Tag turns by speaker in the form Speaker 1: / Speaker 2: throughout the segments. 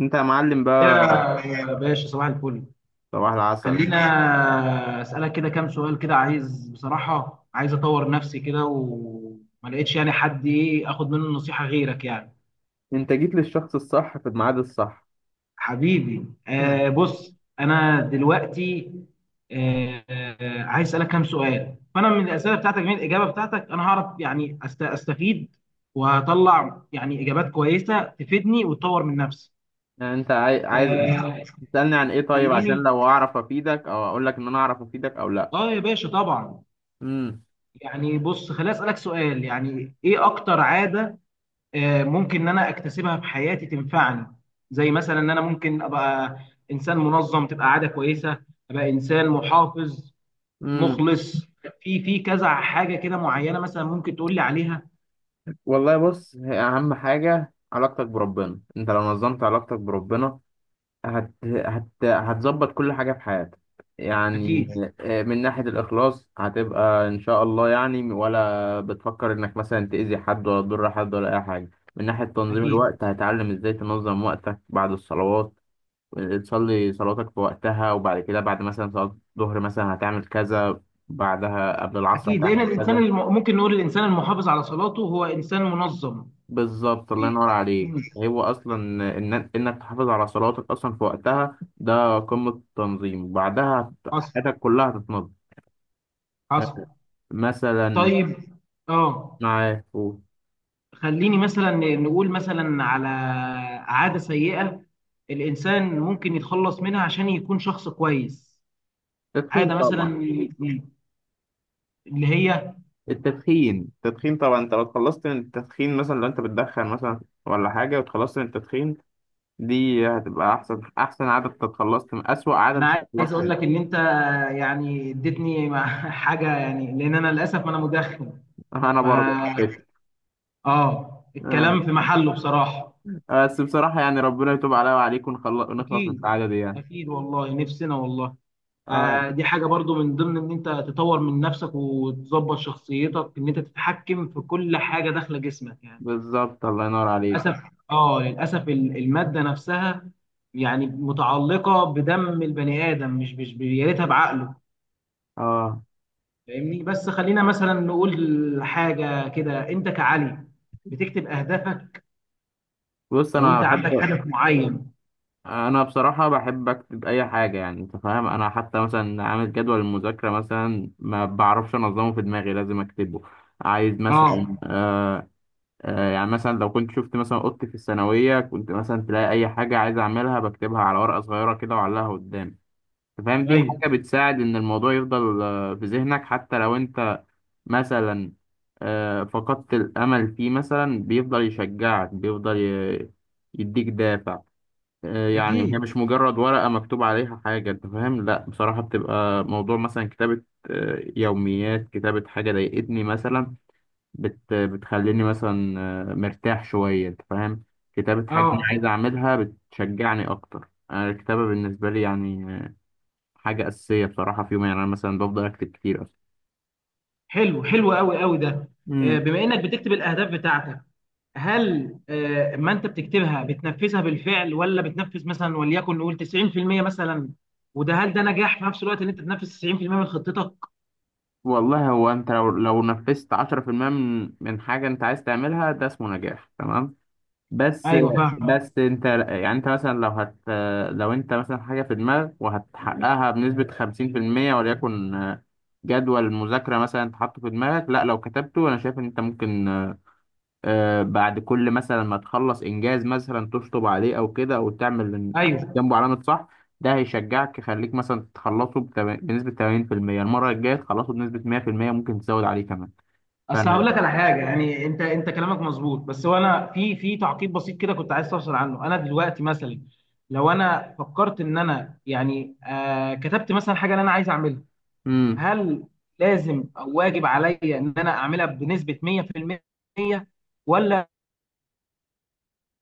Speaker 1: انت يا معلم بقى.
Speaker 2: يا باشا صباح الفل.
Speaker 1: صباح العسل.
Speaker 2: خلينا اسالك كده كام سؤال كده، عايز بصراحه، عايز اطور نفسي كده وما لقيتش يعني حد ايه اخد منه نصيحه غيرك يعني.
Speaker 1: انت جيت للشخص الصح في الميعاد الصح.
Speaker 2: حبيبي، بص انا دلوقتي آه عايز اسالك كام سؤال، فانا من الاسئله بتاعتك، من الاجابه بتاعتك انا هعرف يعني استفيد وهطلع يعني اجابات كويسه تفيدني وتطور من نفسي.
Speaker 1: يعني انت عايز
Speaker 2: آه
Speaker 1: تسألني عن ايه؟ طيب عشان
Speaker 2: خليني.
Speaker 1: لو اعرف افيدك او اقول لك ان انا اعرف افيدك او لا.
Speaker 2: اه يا باشا طبعا.
Speaker 1: امم
Speaker 2: يعني بص، خليني اسالك سؤال، يعني ايه اكتر عاده ممكن ان انا اكتسبها في حياتي تنفعني؟ زي مثلا ان انا ممكن ابقى انسان منظم، تبقى عاده كويسه، ابقى انسان محافظ
Speaker 1: امم
Speaker 2: مخلص. في كذا حاجه كده معينه مثلا ممكن تقول لي عليها؟
Speaker 1: والله بص، هي اهم حاجة علاقتك بربنا. انت لو نظمت علاقتك بربنا هتظبط كل حاجة في حياتك يعني.
Speaker 2: اكيد.
Speaker 1: من ناحية الإخلاص هتبقى إن شاء الله يعني، ولا بتفكر إنك مثلا تأذي حد ولا تضر حد ولا أي حاجة. من ناحية تنظيم
Speaker 2: اكيد.
Speaker 1: الوقت هتعلم إزاي تنظم وقتك بعد الصلوات. تصلي صلاتك في وقتها، وبعد كده بعد مثلا صلاة الظهر مثلا هتعمل كذا، بعدها قبل العصر
Speaker 2: اكيد لان
Speaker 1: هتعمل
Speaker 2: الانسان
Speaker 1: كذا.
Speaker 2: ممكن نقول الانسان المحافظ على صلاته هو انسان منظم.
Speaker 1: بالظبط الله
Speaker 2: إيه.
Speaker 1: ينور عليك.
Speaker 2: مم.
Speaker 1: هو اصلا إن انك تحافظ على صلواتك اصلا في وقتها ده قمة التنظيم. بعدها
Speaker 2: حصل.
Speaker 1: حياتك كلها هتتنظم
Speaker 2: حصل.
Speaker 1: مثلا.
Speaker 2: طيب، اه،
Speaker 1: معاه قول.
Speaker 2: خليني مثلا نقول مثلا على عادة سيئة الإنسان ممكن يتخلص منها عشان يكون شخص كويس،
Speaker 1: تدخين
Speaker 2: عادة
Speaker 1: طبعا.
Speaker 2: مثلا اللي هي…
Speaker 1: التدخين. التدخين طبعا، انت لو اتخلصت من التدخين مثلا، لو انت بتدخن مثلا ولا حاجة واتخلصت من التدخين، دي هتبقى احسن احسن عادة. انت اتخلصت من اسوأ عادة انت
Speaker 2: أنا عايز
Speaker 1: اتخلصت
Speaker 2: أقول
Speaker 1: منها.
Speaker 2: لك إن أنت يعني اديتني مع حاجة، يعني لأن أنا للأسف أنا مدخن.
Speaker 1: انا
Speaker 2: ف
Speaker 1: برضه على فكرة. آه.
Speaker 2: الكلام في محله بصراحة.
Speaker 1: بس بصراحة يعني ربنا يتوب عليا وعليك ونخلص من
Speaker 2: أكيد.
Speaker 1: العادة دي يعني.
Speaker 2: أكيد والله، نفسنا والله.
Speaker 1: آه.
Speaker 2: آه، دي حاجة برضو من ضمن إن أنت تطور من نفسك وتظبط شخصيتك، إن أنت تتحكم في كل حاجة داخلة جسمك يعني.
Speaker 1: بالظبط الله ينور عليك.
Speaker 2: للاسف. اه للاسف الماده نفسها يعني متعلقه بدم البني ادم، مش يا ريتها بعقله،
Speaker 1: اه،
Speaker 2: فاهمني؟ بس خلينا مثلا نقول حاجه كده، انت كعلي بتكتب اهدافك،
Speaker 1: بص.
Speaker 2: لو
Speaker 1: انا
Speaker 2: انت عندك
Speaker 1: بحب،
Speaker 2: هدف معين.
Speaker 1: انا بصراحه بحب اكتب اي حاجه، يعني انت فاهم؟ انا حتى مثلا عامل جدول المذاكره مثلا ما بعرفش انظمه في دماغي، لازم اكتبه. عايز مثلا
Speaker 2: اه.
Speaker 1: يعني، مثلا لو كنت شفت مثلا اوضتي في الثانويه كنت مثلا تلاقي اي حاجه عايز اعملها بكتبها على ورقه صغيره كده واعلقها قدامي. انت فاهم؟ دي
Speaker 2: ايوه.
Speaker 1: حاجه بتساعد ان الموضوع يفضل في ذهنك، حتى لو انت مثلا فقدت الأمل فيه مثلا، بيفضل يشجعك، بيفضل يديك دافع. يعني هي
Speaker 2: اكيد.
Speaker 1: مش مجرد ورقة مكتوب عليها حاجة، أنت فاهم؟ لأ، بصراحة بتبقى موضوع مثلا كتابة يوميات، كتابة حاجة ضايقتني مثلا بتخليني مثلا مرتاح شوية، أنت فاهم؟ كتابة حاجة أنا عايز
Speaker 2: اه.
Speaker 1: أعملها بتشجعني أكتر. أنا الكتابة بالنسبة لي يعني حاجة أساسية بصراحة في يومي يعني. أنا مثلا بفضل أكتب كتير
Speaker 2: حلو، حلو قوي قوي ده. آه،
Speaker 1: أصلا.
Speaker 2: بما انك بتكتب الاهداف بتاعتك، هل ما انت بتكتبها بتنفذها بالفعل، ولا بتنفذ مثلا وليكن نقول 90% مثلا؟ وده، هل ده نجاح في نفس الوقت ان انت تنفذ 90% من خطتك؟
Speaker 1: والله هو انت لو نفذت 10% من حاجة انت عايز تعملها ده اسمه نجاح تمام. بس
Speaker 2: ايوه فاهم.
Speaker 1: بس انت يعني، انت مثلا لو انت مثلا حاجة في دماغك وهتحققها بنسبة 50% وليكن. جدول مذاكرة مثلا انت حاطه في دماغك، لا، لو كتبته انا شايف ان انت ممكن بعد كل مثلا ما تخلص انجاز مثلا تشطب عليه او كده، او تعمل
Speaker 2: ايوه،
Speaker 1: جنبه علامه صح. ده هيشجعك يخليك مثلا تخلصه بنسبه 80%، المره الجايه تخلصه بنسبه 100%، ممكن تزود عليه كمان.
Speaker 2: اصل هقول
Speaker 1: فانا.
Speaker 2: لك على حاجه يعني، انت كلامك مظبوط، بس هو انا في تعقيب بسيط كده كنت عايز اوصل عنه. انا دلوقتي مثلا لو انا فكرت ان انا يعني كتبت مثلا حاجه اللي انا عايز اعملها،
Speaker 1: امم،
Speaker 2: هل لازم او واجب عليا ان انا اعملها بنسبه 100%؟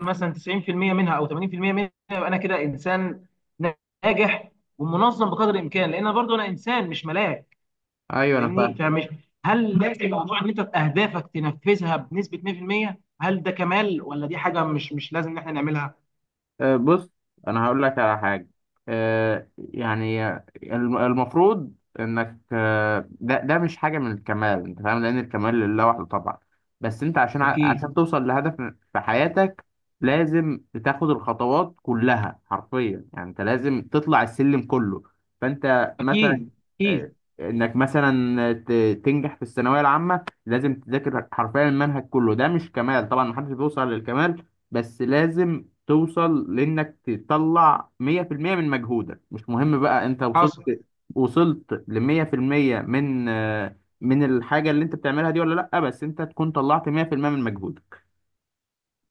Speaker 2: مثلا 90% منها او 80% منها يبقى انا كده انسان ناجح ومنظم بقدر الامكان، لان برضه انا انسان مش ملاك،
Speaker 1: ايوه انا
Speaker 2: فاهمني؟
Speaker 1: فاهم.
Speaker 2: فمش، هل لازم موضوع ان انت اهدافك تنفذها بنسبه 100%؟ هل ده كمال ولا دي حاجه مش لازم ان احنا نعملها؟
Speaker 1: بص، انا هقول لك على حاجه يعني، المفروض انك، ده مش حاجه من الكمال، انت فاهم، لان الكمال لله وحده طبعا. بس انت عشان عشان
Speaker 2: اكيد.
Speaker 1: توصل لهدف في حياتك، لازم تاخد الخطوات كلها حرفيا يعني. انت لازم تطلع السلم كله. فانت مثلا
Speaker 2: اكيد.
Speaker 1: آه،
Speaker 2: اكيد.
Speaker 1: انك مثلا تنجح في الثانويه العامه لازم تذاكر حرفيا المنهج كله. ده مش كمال طبعا، محدش بيوصل للكمال، بس لازم توصل لانك تطلع 100% من مجهودك. مش مهم بقى انت
Speaker 2: حصل.
Speaker 1: وصلت ل 100% من من الحاجه اللي انت بتعملها دي ولا لا، بس انت تكون طلعت 100% من مجهودك.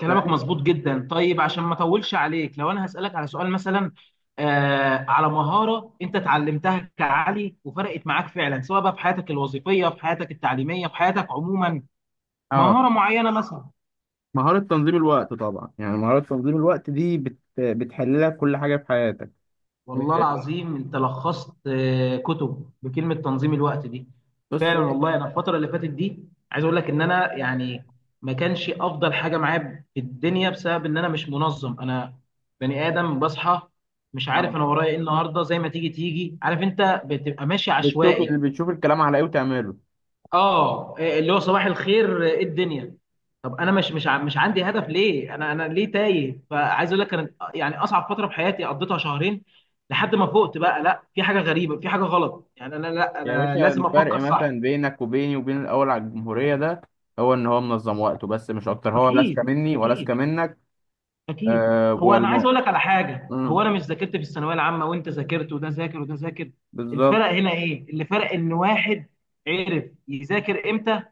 Speaker 2: كلامك
Speaker 1: ف...
Speaker 2: مظبوط جدا. طيب عشان ما اطولش عليك، لو انا هسألك على سؤال مثلا على مهارة انت اتعلمتها كعلي وفرقت معاك فعلا، سواء بقى في حياتك الوظيفية، في حياتك التعليمية، في حياتك عموما،
Speaker 1: اه،
Speaker 2: مهارة معينة مثلا.
Speaker 1: مهاره تنظيم الوقت طبعا. يعني مهاره تنظيم الوقت دي بتحل لك كل حاجه في حياتك.
Speaker 2: والله
Speaker 1: إيه.
Speaker 2: العظيم انت لخصت كتب بكلمه تنظيم الوقت دي.
Speaker 1: بص.
Speaker 2: فعلا والله، انا الفتره اللي فاتت دي عايز اقول لك ان انا يعني ما كانش افضل حاجه معايا في الدنيا بسبب ان انا مش منظم. انا بني ادم بصحى مش عارف
Speaker 1: اه،
Speaker 2: انا ورايا ايه النهارده، زي ما تيجي تيجي، عارف؟ انت بتبقى ماشي عشوائي.
Speaker 1: بتشوف الكلام على ايه وتعمله.
Speaker 2: اه، إيه، اللي هو صباح الخير ايه الدنيا؟ طب انا مش مش عندي هدف ليه، انا ليه تايه؟ فعايز اقول لك كانت يعني اصعب فتره في حياتي قضيتها شهرين لحد ما فقت بقى، لا، في حاجه غريبه، في حاجه غلط يعني، انا لا،
Speaker 1: يا
Speaker 2: انا
Speaker 1: باشا،
Speaker 2: لازم
Speaker 1: الفرق
Speaker 2: افكر صح.
Speaker 1: مثلا بينك وبيني وبين الاول على الجمهوريه ده، هو ان هو منظم وقته بس، مش اكتر. هو لا اذكى
Speaker 2: اكيد.
Speaker 1: مني ولا اذكى
Speaker 2: اكيد.
Speaker 1: منك.
Speaker 2: اكيد
Speaker 1: آه
Speaker 2: هو انا عايز
Speaker 1: والم...
Speaker 2: اقول لك على حاجه، هو
Speaker 1: مم،
Speaker 2: انا مش ذاكرت في الثانويه العامه وانت ذاكرت وده ذاكر وده ذاكر.
Speaker 1: بالظبط.
Speaker 2: الفرق هنا ايه؟ اللي فرق ان واحد عرف يذاكر امتى،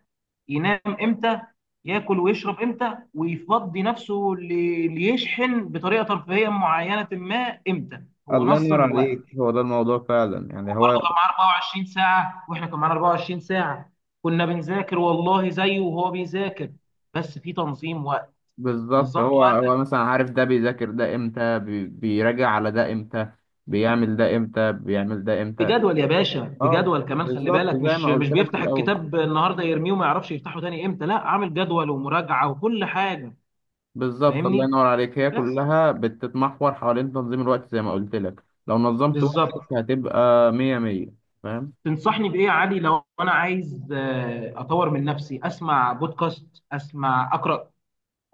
Speaker 2: ينام امتى، ياكل ويشرب امتى، ويفضي نفسه ليشحن بطريقه ترفيهيه معينه ما امتى. هو
Speaker 1: الله ينور
Speaker 2: نظم الوقت.
Speaker 1: عليك. هو ده الموضوع فعلا يعني.
Speaker 2: هو برضه
Speaker 1: هو
Speaker 2: كان معاه 24 ساعه واحنا كان معانا 24 ساعه، كنا بنذاكر والله زيه وهو بيذاكر، بس في تنظيم وقت.
Speaker 1: بالظبط.
Speaker 2: نظمت
Speaker 1: هو هو
Speaker 2: وقتك
Speaker 1: مثلا عارف ده بيذاكر ده امتى، بيراجع على ده امتى، بيعمل ده امتى، بيعمل ده امتى.
Speaker 2: بجدول يا باشا،
Speaker 1: اه
Speaker 2: بجدول كمان، خلي
Speaker 1: بالظبط،
Speaker 2: بالك،
Speaker 1: زي
Speaker 2: مش
Speaker 1: ما
Speaker 2: مش
Speaker 1: قلت لك في
Speaker 2: بيفتح
Speaker 1: الاول.
Speaker 2: الكتاب النهارده يرميه وما يعرفش يفتحه تاني امتى، لا، عامل جدول ومراجعه وكل حاجه،
Speaker 1: بالظبط الله
Speaker 2: فاهمني؟
Speaker 1: ينور عليك. هي
Speaker 2: بس
Speaker 1: كلها بتتمحور حوالين تنظيم الوقت، زي ما قلت لك، لو نظمت
Speaker 2: بالظبط.
Speaker 1: وقتك هتبقى مية مية. فاهم.
Speaker 2: تنصحني بايه يا علي لو انا عايز اطور من نفسي؟ اسمع بودكاست، اسمع، اقرا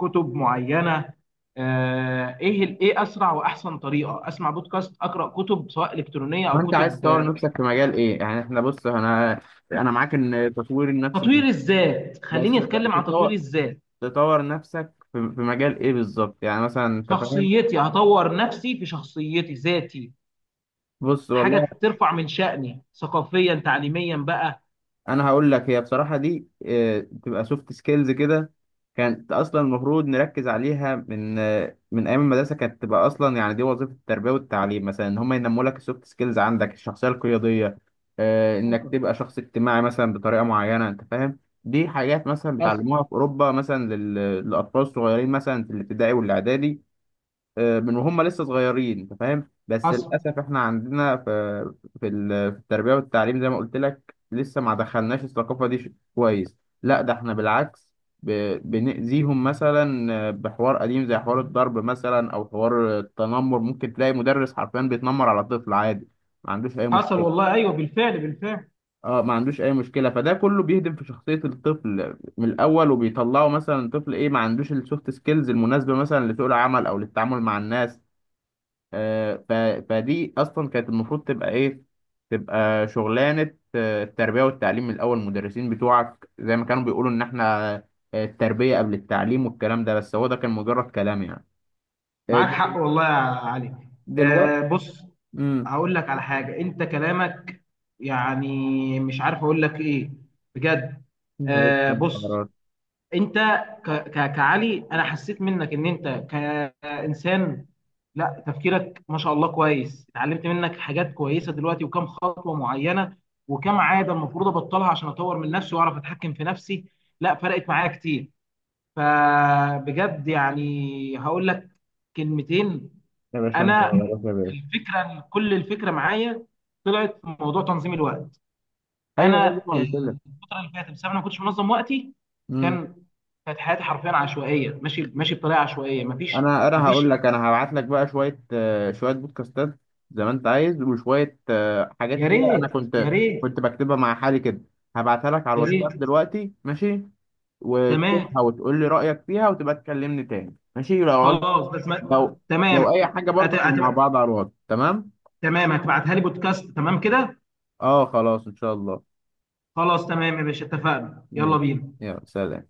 Speaker 2: كتب معينه، ايه ايه اسرع واحسن طريقه، اسمع بودكاست، اقرا كتب سواء الكترونيه او
Speaker 1: وانت عايز
Speaker 2: كتب،
Speaker 1: تطور نفسك في مجال ايه يعني؟ احنا بص، انا، انا معاك ان تطوير النفس
Speaker 2: تطوير
Speaker 1: مهم،
Speaker 2: الذات،
Speaker 1: بس
Speaker 2: خليني اتكلم عن تطوير
Speaker 1: تطور،
Speaker 2: الذات.
Speaker 1: تطور نفسك في في مجال ايه بالظبط يعني؟ مثلا انت فاهم.
Speaker 2: شخصيتي، هطور نفسي في شخصيتي، ذاتي،
Speaker 1: بص والله،
Speaker 2: حاجه ترفع من شأني ثقافيا تعليميا بقى.
Speaker 1: انا هقول لك. هي بصراحه دي تبقى سوفت سكيلز كده. كانت اصلا المفروض نركز عليها من من ايام المدرسه. كانت تبقى اصلا يعني دي وظيفه التربيه والتعليم، مثلا ان هم ينموا لك السوفت سكيلز، عندك الشخصيه القياديه، انك
Speaker 2: حصل.
Speaker 1: تبقى شخص اجتماعي مثلا بطريقه معينه، انت فاهم. دي حاجات مثلا
Speaker 2: حصل.
Speaker 1: بيتعلموها في اوروبا مثلا للاطفال الصغيرين مثلا في الابتدائي والاعدادي، من وهم لسه صغيرين، انت فاهم. بس
Speaker 2: حصل.
Speaker 1: للاسف احنا عندنا في في التربيه والتعليم، زي ما قلت لك، لسه ما دخلناش الثقافه دي. كويس. لا ده احنا بالعكس بنأذيهم مثلا بحوار قديم زي حوار الضرب مثلا او حوار التنمر. ممكن تلاقي مدرس حرفيا بيتنمر على طفل عادي ما عندوش اي
Speaker 2: حصل
Speaker 1: مشكله.
Speaker 2: والله، ايوه بالفعل بالفعل.
Speaker 1: اه، ما عندوش اي مشكله. فده كله بيهدم في شخصيه الطفل من الاول، وبيطلعه مثلا طفل ايه ما عندوش السوفت سكيلز المناسبه مثلا لسوق العمل او للتعامل مع الناس. آه، ف... فدي اصلا كانت المفروض تبقى ايه، تبقى شغلانه التربيه والتعليم من الاول. المدرسين بتوعك زي ما كانوا بيقولوا ان احنا التربيه قبل التعليم والكلام ده، بس هو ده كان مجرد كلام يعني. آه،
Speaker 2: معاك حق والله يا علي.
Speaker 1: دلوقتي.
Speaker 2: بص،
Speaker 1: امم
Speaker 2: هقول لك على حاجة، انت كلامك يعني مش عارف اقول لك ايه بجد.
Speaker 1: يا باشا انت
Speaker 2: بص،
Speaker 1: عبارات.
Speaker 2: انت، ك ك كعلي انا حسيت منك ان انت كإنسان، لا، تفكيرك ما شاء الله كويس، اتعلمت منك حاجات كويسة دلوقتي، وكم خطوة معينة وكم عادة المفروض ابطلها عشان اطور من نفسي واعرف اتحكم في نفسي، لا، فرقت معايا كتير، فبجد يعني هقول لك كلمتين.
Speaker 1: يا باشا انت
Speaker 2: انا
Speaker 1: عبارات. يا
Speaker 2: في
Speaker 1: باشا
Speaker 2: الفكره، كل الفكره معايا طلعت في موضوع تنظيم الوقت.
Speaker 1: ايوه
Speaker 2: انا
Speaker 1: زي ما قلت لك.
Speaker 2: الفتره اللي فاتت بسبب إن انا ما كنتش منظم وقتي،
Speaker 1: امم
Speaker 2: كان كانت حياتي حرفيا عشوائيه، ماشي ماشي بطريقه عشوائيه، مفيش،
Speaker 1: انا هقول
Speaker 2: مفيش
Speaker 1: لك. انا هبعت لك بقى شويه شويه بودكاستات زي ما انت عايز، وشويه حاجات
Speaker 2: يا
Speaker 1: كده. انا
Speaker 2: ريت، يا ريت،
Speaker 1: كنت بكتبها مع حالي كده. هبعتها لك على
Speaker 2: يا ريت.
Speaker 1: الواتساب دلوقتي، ماشي.
Speaker 2: تمام.
Speaker 1: وتشوفها وتقول لي رأيك فيها وتبقى تكلمني تاني، ماشي؟ لو عاوز،
Speaker 2: خلاص بس ما...
Speaker 1: لو
Speaker 2: تمام.
Speaker 1: أي حاجة
Speaker 2: أت...
Speaker 1: برضه احنا مع
Speaker 2: أت...
Speaker 1: بعض على الواتس، تمام؟
Speaker 2: تمام، هتبعتها لي بودكاست تمام كده.
Speaker 1: اه، خلاص إن شاء الله.
Speaker 2: خلاص تمام يا باشا، اتفقنا، يلا
Speaker 1: ماشي،
Speaker 2: بينا.
Speaker 1: يلا سلام.